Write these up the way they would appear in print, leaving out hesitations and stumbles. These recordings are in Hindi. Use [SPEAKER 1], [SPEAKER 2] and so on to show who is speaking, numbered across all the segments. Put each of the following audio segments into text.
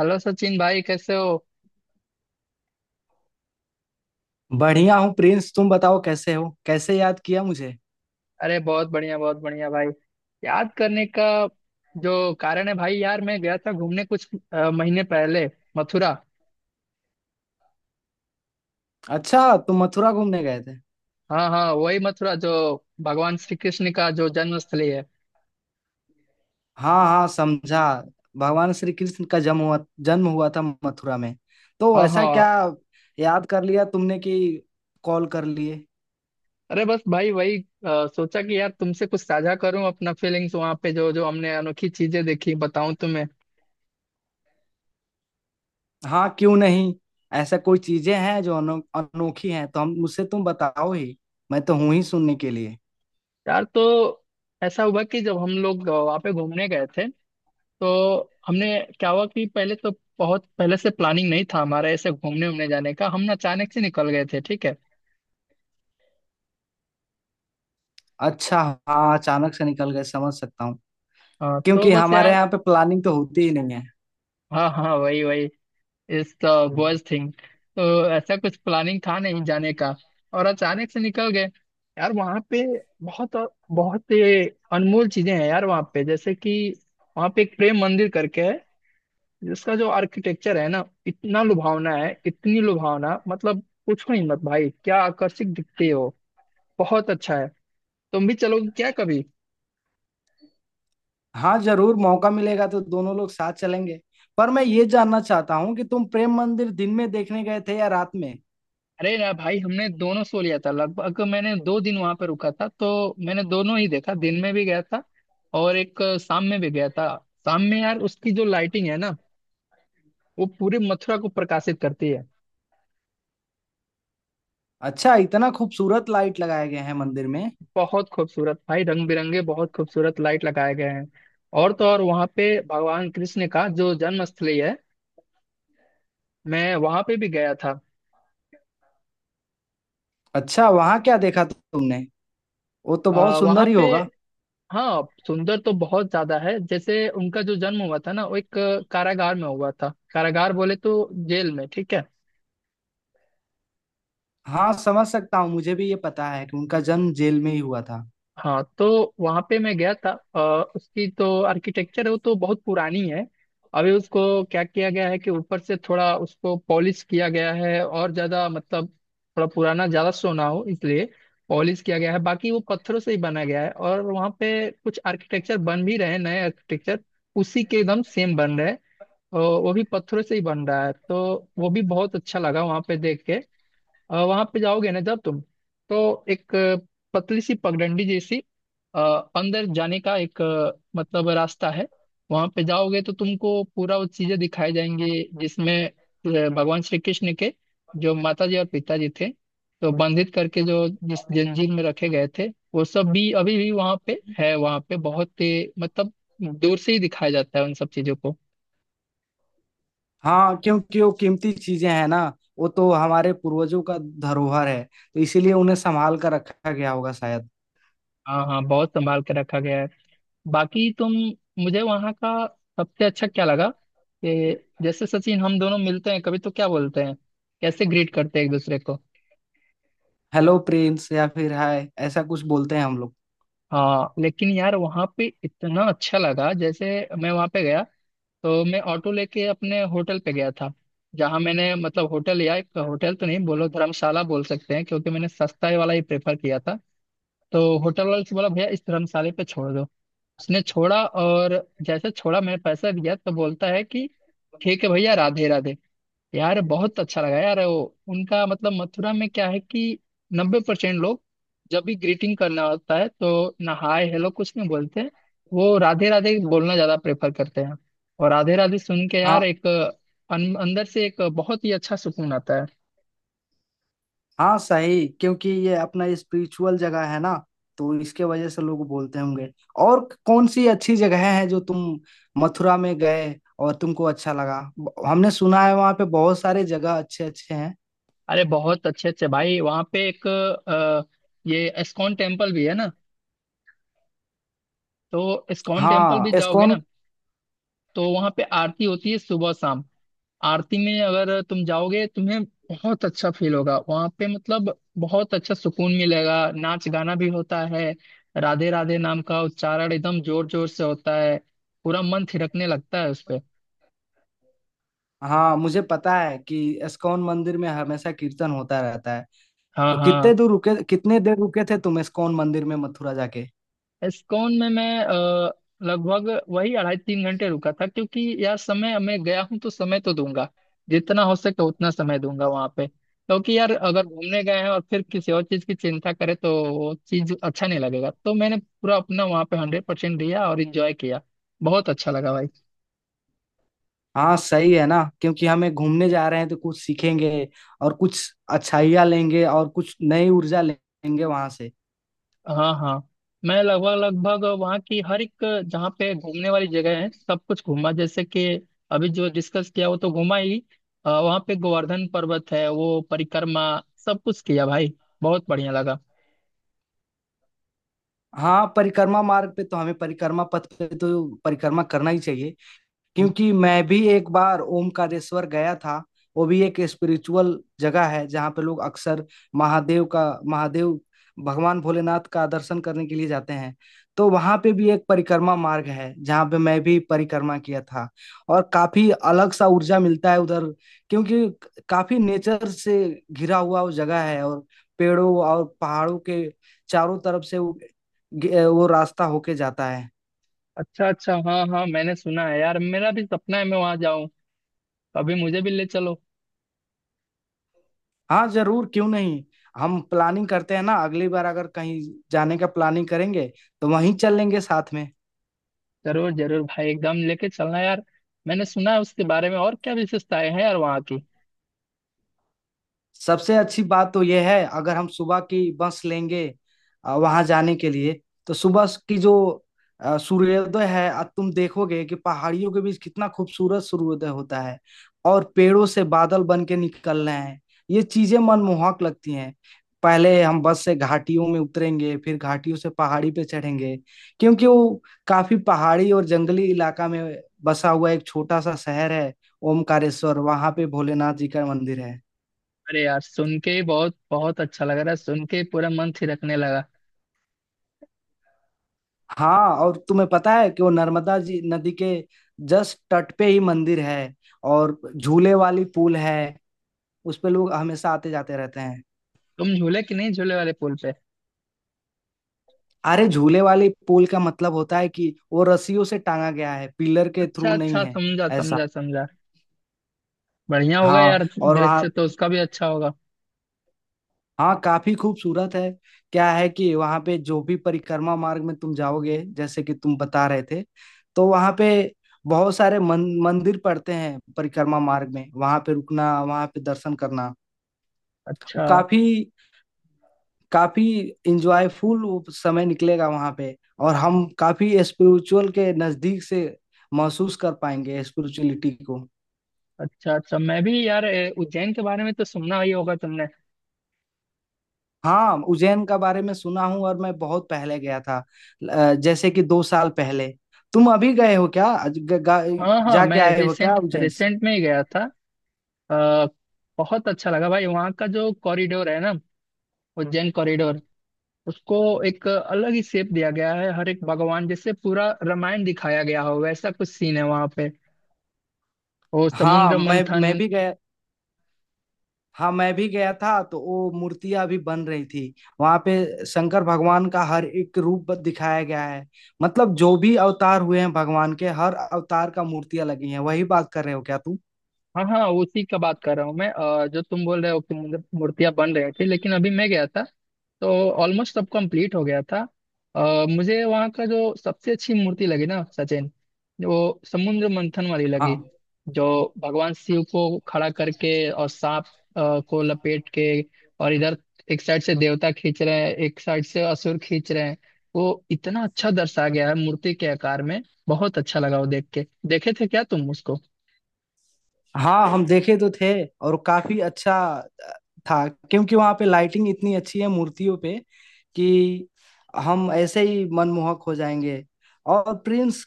[SPEAKER 1] हेलो सचिन भाई, कैसे हो।
[SPEAKER 2] बढ़िया हूँ प्रिंस, तुम बताओ कैसे हो? कैसे याद किया मुझे?
[SPEAKER 1] अरे बहुत बढ़िया भाई। याद करने का जो कारण है भाई, यार मैं गया था घूमने कुछ महीने पहले मथुरा।
[SPEAKER 2] अच्छा, तुम मथुरा घूमने गए थे?
[SPEAKER 1] हाँ हाँ, वही मथुरा जो भगवान श्री कृष्ण का जो जन्म स्थली है।
[SPEAKER 2] हाँ हाँ, समझा। भगवान श्री कृष्ण का जन्म हुआ था मथुरा में। तो
[SPEAKER 1] हाँ
[SPEAKER 2] ऐसा
[SPEAKER 1] हाँ।
[SPEAKER 2] क्या याद कर लिया तुमने कि कॉल कर लिए?
[SPEAKER 1] अरे बस भाई, वही सोचा कि यार तुमसे कुछ साझा करूं अपना फीलिंग्स वहां पे जो जो हमने अनोखी चीजें देखी बताऊं तुम्हें।
[SPEAKER 2] हाँ क्यों नहीं। ऐसा कोई चीजें हैं जो अनोखी हैं तो हम, मुझसे तुम बताओ ही। मैं तो हूं ही सुनने के लिए।
[SPEAKER 1] यार तो ऐसा हुआ कि जब हम लोग वहाँ पे घूमने गए थे तो हमने क्या हुआ कि पहले तो बहुत पहले से प्लानिंग नहीं था हमारा ऐसे घूमने उमने जाने का। हम ना अचानक से निकल गए थे, ठीक है।
[SPEAKER 2] अच्छा। हाँ, अचानक से निकल गए, समझ सकता हूँ।
[SPEAKER 1] हाँ तो
[SPEAKER 2] क्योंकि
[SPEAKER 1] बस
[SPEAKER 2] हमारे
[SPEAKER 1] यार,
[SPEAKER 2] यहाँ पे प्लानिंग तो होती ही नहीं
[SPEAKER 1] हाँ हाँ वही वही, इस तो बॉयज
[SPEAKER 2] है।
[SPEAKER 1] थिंग। तो ऐसा कुछ प्लानिंग था नहीं जाने का और अचानक से निकल गए। यार वहाँ पे बहुत बहुत ये अनमोल चीजें हैं यार वहाँ पे, जैसे कि वहाँ पे एक प्रेम मंदिर करके है जिसका जो आर्किटेक्चर है ना, इतना लुभावना है, इतनी लुभावना मतलब पूछो ही मत भाई, क्या आकर्षक दिखते हो। बहुत अच्छा है। तुम भी चलोगे क्या कभी।
[SPEAKER 2] हाँ जरूर, मौका मिलेगा तो दोनों लोग साथ चलेंगे। पर मैं ये जानना चाहता हूँ कि तुम प्रेम मंदिर दिन में देखने गए थे या रात में?
[SPEAKER 1] अरे ना भाई, हमने दोनों सो लिया था। लगभग मैंने 2 दिन वहां पे रुका था, तो मैंने दोनों ही देखा, दिन में भी गया था और एक शाम में भी गया था। शाम में यार उसकी जो लाइटिंग है ना, वो पूरे मथुरा को प्रकाशित करती है।
[SPEAKER 2] अच्छा, इतना खूबसूरत लाइट लगाए गए हैं मंदिर में?
[SPEAKER 1] बहुत खूबसूरत भाई, रंग बिरंगे बहुत खूबसूरत लाइट लगाए गए हैं। और तो और, वहां पे भगवान कृष्ण का जो जन्म स्थली है, मैं वहां पे भी गया था।
[SPEAKER 2] अच्छा, वहाँ क्या देखा तुमने? वो तो बहुत
[SPEAKER 1] वहां
[SPEAKER 2] सुंदर ही
[SPEAKER 1] पे
[SPEAKER 2] होगा।
[SPEAKER 1] हाँ, सुंदर तो बहुत ज्यादा है। जैसे उनका जो जन्म हुआ था ना, वो एक कारागार में हुआ था। कारागार बोले तो जेल में, ठीक है।
[SPEAKER 2] हाँ समझ सकता हूँ, मुझे भी ये पता है कि उनका जन्म जेल में ही हुआ था।
[SPEAKER 1] हाँ तो वहां पे मैं गया था उसकी तो आर्किटेक्चर है वो तो बहुत पुरानी है। अभी उसको क्या किया गया है कि ऊपर से थोड़ा उसको पॉलिश किया गया है और ज्यादा मतलब, थोड़ा पुराना ज्यादा शो ना हो इसलिए पॉलिश किया गया है, बाकी वो पत्थरों से ही बना गया है। और वहाँ पे कुछ आर्किटेक्चर बन भी रहे हैं, नए आर्किटेक्चर उसी के एकदम सेम बन रहे हैं और वो भी पत्थरों से ही बन रहा है, तो वो भी बहुत अच्छा लगा वहां पे देख के। और वहां पे जाओगे ना जब तुम, तो एक पतली सी पगडंडी जैसी अ, अंदर जाने का एक मतलब रास्ता है। वहां पे जाओगे तो तुमको पूरा वो चीजें दिखाई जाएंगी जिसमें भगवान श्री कृष्ण के जो माता जी और पिताजी थे, तो बंधित करके जो जिस जंजीर में रखे गए थे, वो सब भी अभी भी वहां पे है। वहां पे बहुत ही मतलब, दूर से ही दिखाया जाता है उन सब चीजों को।
[SPEAKER 2] हाँ, क्योंकि वो कीमती चीजें हैं ना। वो तो हमारे पूर्वजों का धरोहर है तो इसीलिए उन्हें संभाल कर रखा गया होगा शायद।
[SPEAKER 1] हाँ हाँ, बहुत संभाल के रखा गया है। बाकी तुम, मुझे वहाँ का सबसे अच्छा क्या लगा कि, जैसे सचिन हम दोनों मिलते हैं कभी तो क्या बोलते हैं, कैसे ग्रीट करते हैं एक दूसरे को।
[SPEAKER 2] हेलो प्रिंस या फिर हाय, ऐसा कुछ बोलते हैं हम लोग।
[SPEAKER 1] हाँ लेकिन यार वहाँ पे इतना अच्छा लगा, जैसे मैं वहाँ पे गया तो मैं ऑटो लेके अपने होटल पे गया था, जहाँ मैंने मतलब होटल, या एक होटल तो नहीं बोलो, धर्मशाला बोल सकते हैं क्योंकि मैंने सस्ता वाला ही प्रेफर किया था। तो होटल वाले से बोला भैया इस धर्मशाले पे छोड़ दो, उसने छोड़ा और जैसे छोड़ा मैं पैसा दिया तो बोलता है कि ठीक है भैया, राधे राधे। यार बहुत अच्छा लगा यार वो, उनका मतलब मथुरा में क्या है कि 90% लोग जब भी ग्रीटिंग करना होता है तो ना हाय हेलो कुछ नहीं बोलते हैं। वो राधे राधे बोलना ज्यादा प्रेफर करते हैं। और राधे राधे सुन के यार
[SPEAKER 2] हाँ
[SPEAKER 1] एक अंदर से एक बहुत ही अच्छा सुकून आता है।
[SPEAKER 2] हाँ सही, क्योंकि ये अपना स्पिरिचुअल जगह है ना, तो इसके वजह से लोग बोलते होंगे। और कौन सी अच्छी जगह है जो तुम मथुरा में गए और तुमको अच्छा लगा? हमने सुना है वहाँ पे बहुत सारे जगह अच्छे अच्छे हैं।
[SPEAKER 1] अरे बहुत अच्छे अच्छे भाई, वहाँ पे एक ये एस्कॉन टेम्पल भी है ना, तो इस्कॉन टेम्पल
[SPEAKER 2] हाँ
[SPEAKER 1] भी जाओगे
[SPEAKER 2] इस्कॉन।
[SPEAKER 1] ना, तो वहां पे आरती होती है सुबह शाम। आरती में अगर तुम जाओगे तुम्हें बहुत अच्छा फील होगा वहां पे, मतलब बहुत अच्छा सुकून मिलेगा। नाच गाना भी होता है, राधे राधे नाम का उच्चारण एकदम जोर जोर से होता है, पूरा मन थिरकने लगता है उस पे।
[SPEAKER 2] हाँ, मुझे पता है कि इस्कॉन मंदिर में हमेशा कीर्तन होता रहता है।
[SPEAKER 1] हाँ
[SPEAKER 2] तो
[SPEAKER 1] हाँ।
[SPEAKER 2] कितने दूर रुके, कितने देर रुके थे तुम इस्कॉन मंदिर में मथुरा जाके?
[SPEAKER 1] एस्कॉन में मैं लगभग वही 2.5-3 घंटे रुका था, क्योंकि यार समय, मैं गया हूँ तो समय तो दूंगा, जितना हो सके उतना समय दूंगा वहां पे। क्योंकि यार अगर घूमने गए हैं और फिर किसी और चीज की चिंता करें तो वो चीज अच्छा नहीं लगेगा, तो मैंने पूरा अपना वहां पे 100% दिया और इंजॉय किया। बहुत अच्छा लगा भाई।
[SPEAKER 2] हाँ सही है ना, क्योंकि हमें घूमने जा रहे हैं तो कुछ सीखेंगे और कुछ अच्छाइयाँ लेंगे और कुछ नई ऊर्जा लेंगे वहां से।
[SPEAKER 1] हाँ हाँ, मैं लगभग लगभग वहाँ की हर एक, जहाँ पे घूमने वाली जगह है सब कुछ घूमा, जैसे कि अभी जो डिस्कस किया वो तो घूमा ही, वहाँ पे गोवर्धन पर्वत है वो परिक्रमा, सब कुछ किया भाई। बहुत बढ़िया लगा।
[SPEAKER 2] हाँ, परिक्रमा मार्ग पे तो, हमें परिक्रमा पथ पे तो परिक्रमा करना ही चाहिए। क्योंकि मैं भी एक बार ओमकारेश्वर गया था। वो भी एक स्पिरिचुअल जगह है जहाँ पे लोग अक्सर महादेव का महादेव भगवान भोलेनाथ का दर्शन करने के लिए जाते हैं। तो वहाँ पे भी एक परिक्रमा मार्ग है जहाँ पे मैं भी परिक्रमा किया था। और काफी अलग सा ऊर्जा मिलता है उधर। क्योंकि काफी नेचर से घिरा हुआ वो जगह है, और पेड़ों और पहाड़ों के चारों तरफ से वो रास्ता होके जाता है।
[SPEAKER 1] अच्छा अच्छा, हाँ हाँ, मैंने सुना है यार, मेरा भी सपना है मैं वहाँ जाऊँ। अभी मुझे भी ले चलो।
[SPEAKER 2] हाँ जरूर, क्यों नहीं। हम प्लानिंग करते हैं ना, अगली बार अगर कहीं जाने का प्लानिंग करेंगे तो वहीं चल लेंगे साथ में।
[SPEAKER 1] जरूर जरूर भाई, एकदम लेके चलना यार। मैंने सुना है उसके बारे में, और क्या विशेषताएं हैं यार वहाँ की।
[SPEAKER 2] सबसे अच्छी बात तो यह है, अगर हम सुबह की बस लेंगे वहां जाने के लिए, तो सुबह की जो सूर्योदय है, तुम देखोगे कि पहाड़ियों के बीच कितना खूबसूरत सूर्योदय होता है। और पेड़ों से बादल बन के निकल रहे हैं। ये चीजें मनमोहक लगती हैं। पहले हम बस से घाटियों में उतरेंगे, फिर घाटियों से पहाड़ी पे चढ़ेंगे। क्योंकि वो काफी पहाड़ी और जंगली इलाका में बसा हुआ एक छोटा सा शहर है ओमकारेश्वर। वहां पे भोलेनाथ जी का मंदिर है।
[SPEAKER 1] अरे यार सुन के ही बहुत बहुत अच्छा लग रहा है, सुन के ही पूरा मन थिरकने लगा।
[SPEAKER 2] हाँ, और तुम्हें पता है कि वो नर्मदा जी नदी के जस्ट तट पे ही मंदिर है। और झूले वाली पुल है, उस पे लोग हमेशा आते जाते रहते हैं।
[SPEAKER 1] तुम झूले कि नहीं झूले वाले पुल पे।
[SPEAKER 2] अरे, झूले वाली पुल का मतलब होता है कि वो रस्सियों से टांगा गया है, पिलर के
[SPEAKER 1] अच्छा
[SPEAKER 2] थ्रू नहीं
[SPEAKER 1] अच्छा,
[SPEAKER 2] है।
[SPEAKER 1] समझा
[SPEAKER 2] ऐसा।
[SPEAKER 1] समझा समझा। बढ़िया होगा
[SPEAKER 2] हाँ,
[SPEAKER 1] यार।
[SPEAKER 2] और वहाँ।
[SPEAKER 1] दृश्य तो उसका भी अच्छा होगा।
[SPEAKER 2] हाँ, काफी खूबसूरत है। क्या है कि वहाँ पे जो भी परिक्रमा मार्ग में तुम जाओगे, जैसे कि तुम बता रहे थे, तो वहाँ पे बहुत सारे मंदिर पड़ते हैं परिक्रमा मार्ग में। वहाँ पे रुकना, वहाँ पे दर्शन करना
[SPEAKER 1] अच्छा
[SPEAKER 2] काफ़ी काफ़ी इंजॉयफुल, वो समय निकलेगा वहाँ पे। और हम काफ़ी स्पिरिचुअल के नज़दीक से महसूस कर पाएंगे स्पिरिचुअलिटी को।
[SPEAKER 1] अच्छा अच्छा, मैं भी यार उज्जैन के बारे में तो सुना ही होगा तुमने।
[SPEAKER 2] हाँ, उज्जैन का बारे में सुना हूँ, और मैं बहुत पहले गया था। जैसे कि 2 साल पहले। तुम अभी गए हो क्या?
[SPEAKER 1] हाँ हाँ, मैं
[SPEAKER 2] जाके आए हो क्या
[SPEAKER 1] रिसेंट
[SPEAKER 2] उज्जैन से?
[SPEAKER 1] रिसेंट में ही गया था। आ, बहुत अच्छा लगा भाई, वहाँ का जो कॉरिडोर है ना, उज्जैन कॉरिडोर, उसको एक अलग ही शेप दिया गया है। हर एक भगवान, जैसे पूरा रामायण दिखाया गया हो वैसा कुछ सीन है वहाँ पे। वो
[SPEAKER 2] हाँ,
[SPEAKER 1] समुद्र
[SPEAKER 2] मैं
[SPEAKER 1] मंथन,
[SPEAKER 2] मैं भी गया। हाँ मैं भी गया था, तो वो मूर्तियां भी बन रही थी। वहां पे शंकर भगवान का हर एक रूप दिखाया गया है। मतलब जो भी अवतार हुए हैं भगवान के, हर अवतार का मूर्तियां लगी हैं। वही बात कर रहे हो क्या तुम?
[SPEAKER 1] हाँ हाँ, उसी का बात कर रहा हूँ मैं। जो तुम बोल रहे हो कि मुझे मूर्तियाँ बन रही थी, लेकिन अभी मैं गया था तो ऑलमोस्ट सब कंप्लीट हो गया था। मुझे वहाँ का जो सबसे अच्छी मूर्ति लगी ना सचिन, वो समुद्र मंथन वाली लगी।
[SPEAKER 2] हाँ
[SPEAKER 1] जो भगवान शिव को खड़ा करके और सांप को लपेट के, और इधर एक साइड से देवता खींच रहे हैं एक साइड से असुर खींच रहे हैं, वो इतना अच्छा दर्शा गया है मूर्ति के आकार में। बहुत अच्छा लगा वो देख के। देखे थे क्या तुम उसको।
[SPEAKER 2] हाँ। हम देखे तो थे, और काफी अच्छा था। क्योंकि वहां पे लाइटिंग इतनी अच्छी है मूर्तियों पे कि हम ऐसे ही मनमोहक हो जाएंगे। और प्रिंस,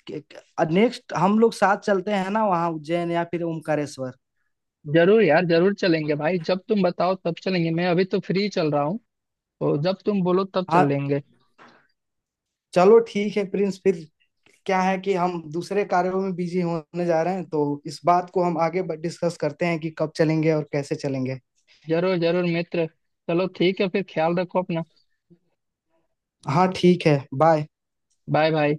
[SPEAKER 2] नेक्स्ट हम लोग साथ चलते हैं ना वहाँ, उज्जैन या फिर ओमकारेश्वर।
[SPEAKER 1] जरूर यार, जरूर चलेंगे भाई, जब तुम बताओ तब चलेंगे। मैं अभी तो फ्री चल रहा हूँ, तो जब तुम बोलो तब
[SPEAKER 2] हाँ,
[SPEAKER 1] चल लेंगे।
[SPEAKER 2] चलो ठीक है प्रिंस फिर। क्या है कि हम दूसरे कार्यों में बिजी होने जा रहे हैं तो इस बात को हम आगे डिस्कस करते हैं कि कब चलेंगे और कैसे चलेंगे।
[SPEAKER 1] जरूर जरूर मित्र। चलो ठीक है फिर, ख्याल रखो अपना।
[SPEAKER 2] हाँ ठीक है। बाय।
[SPEAKER 1] Bye bye.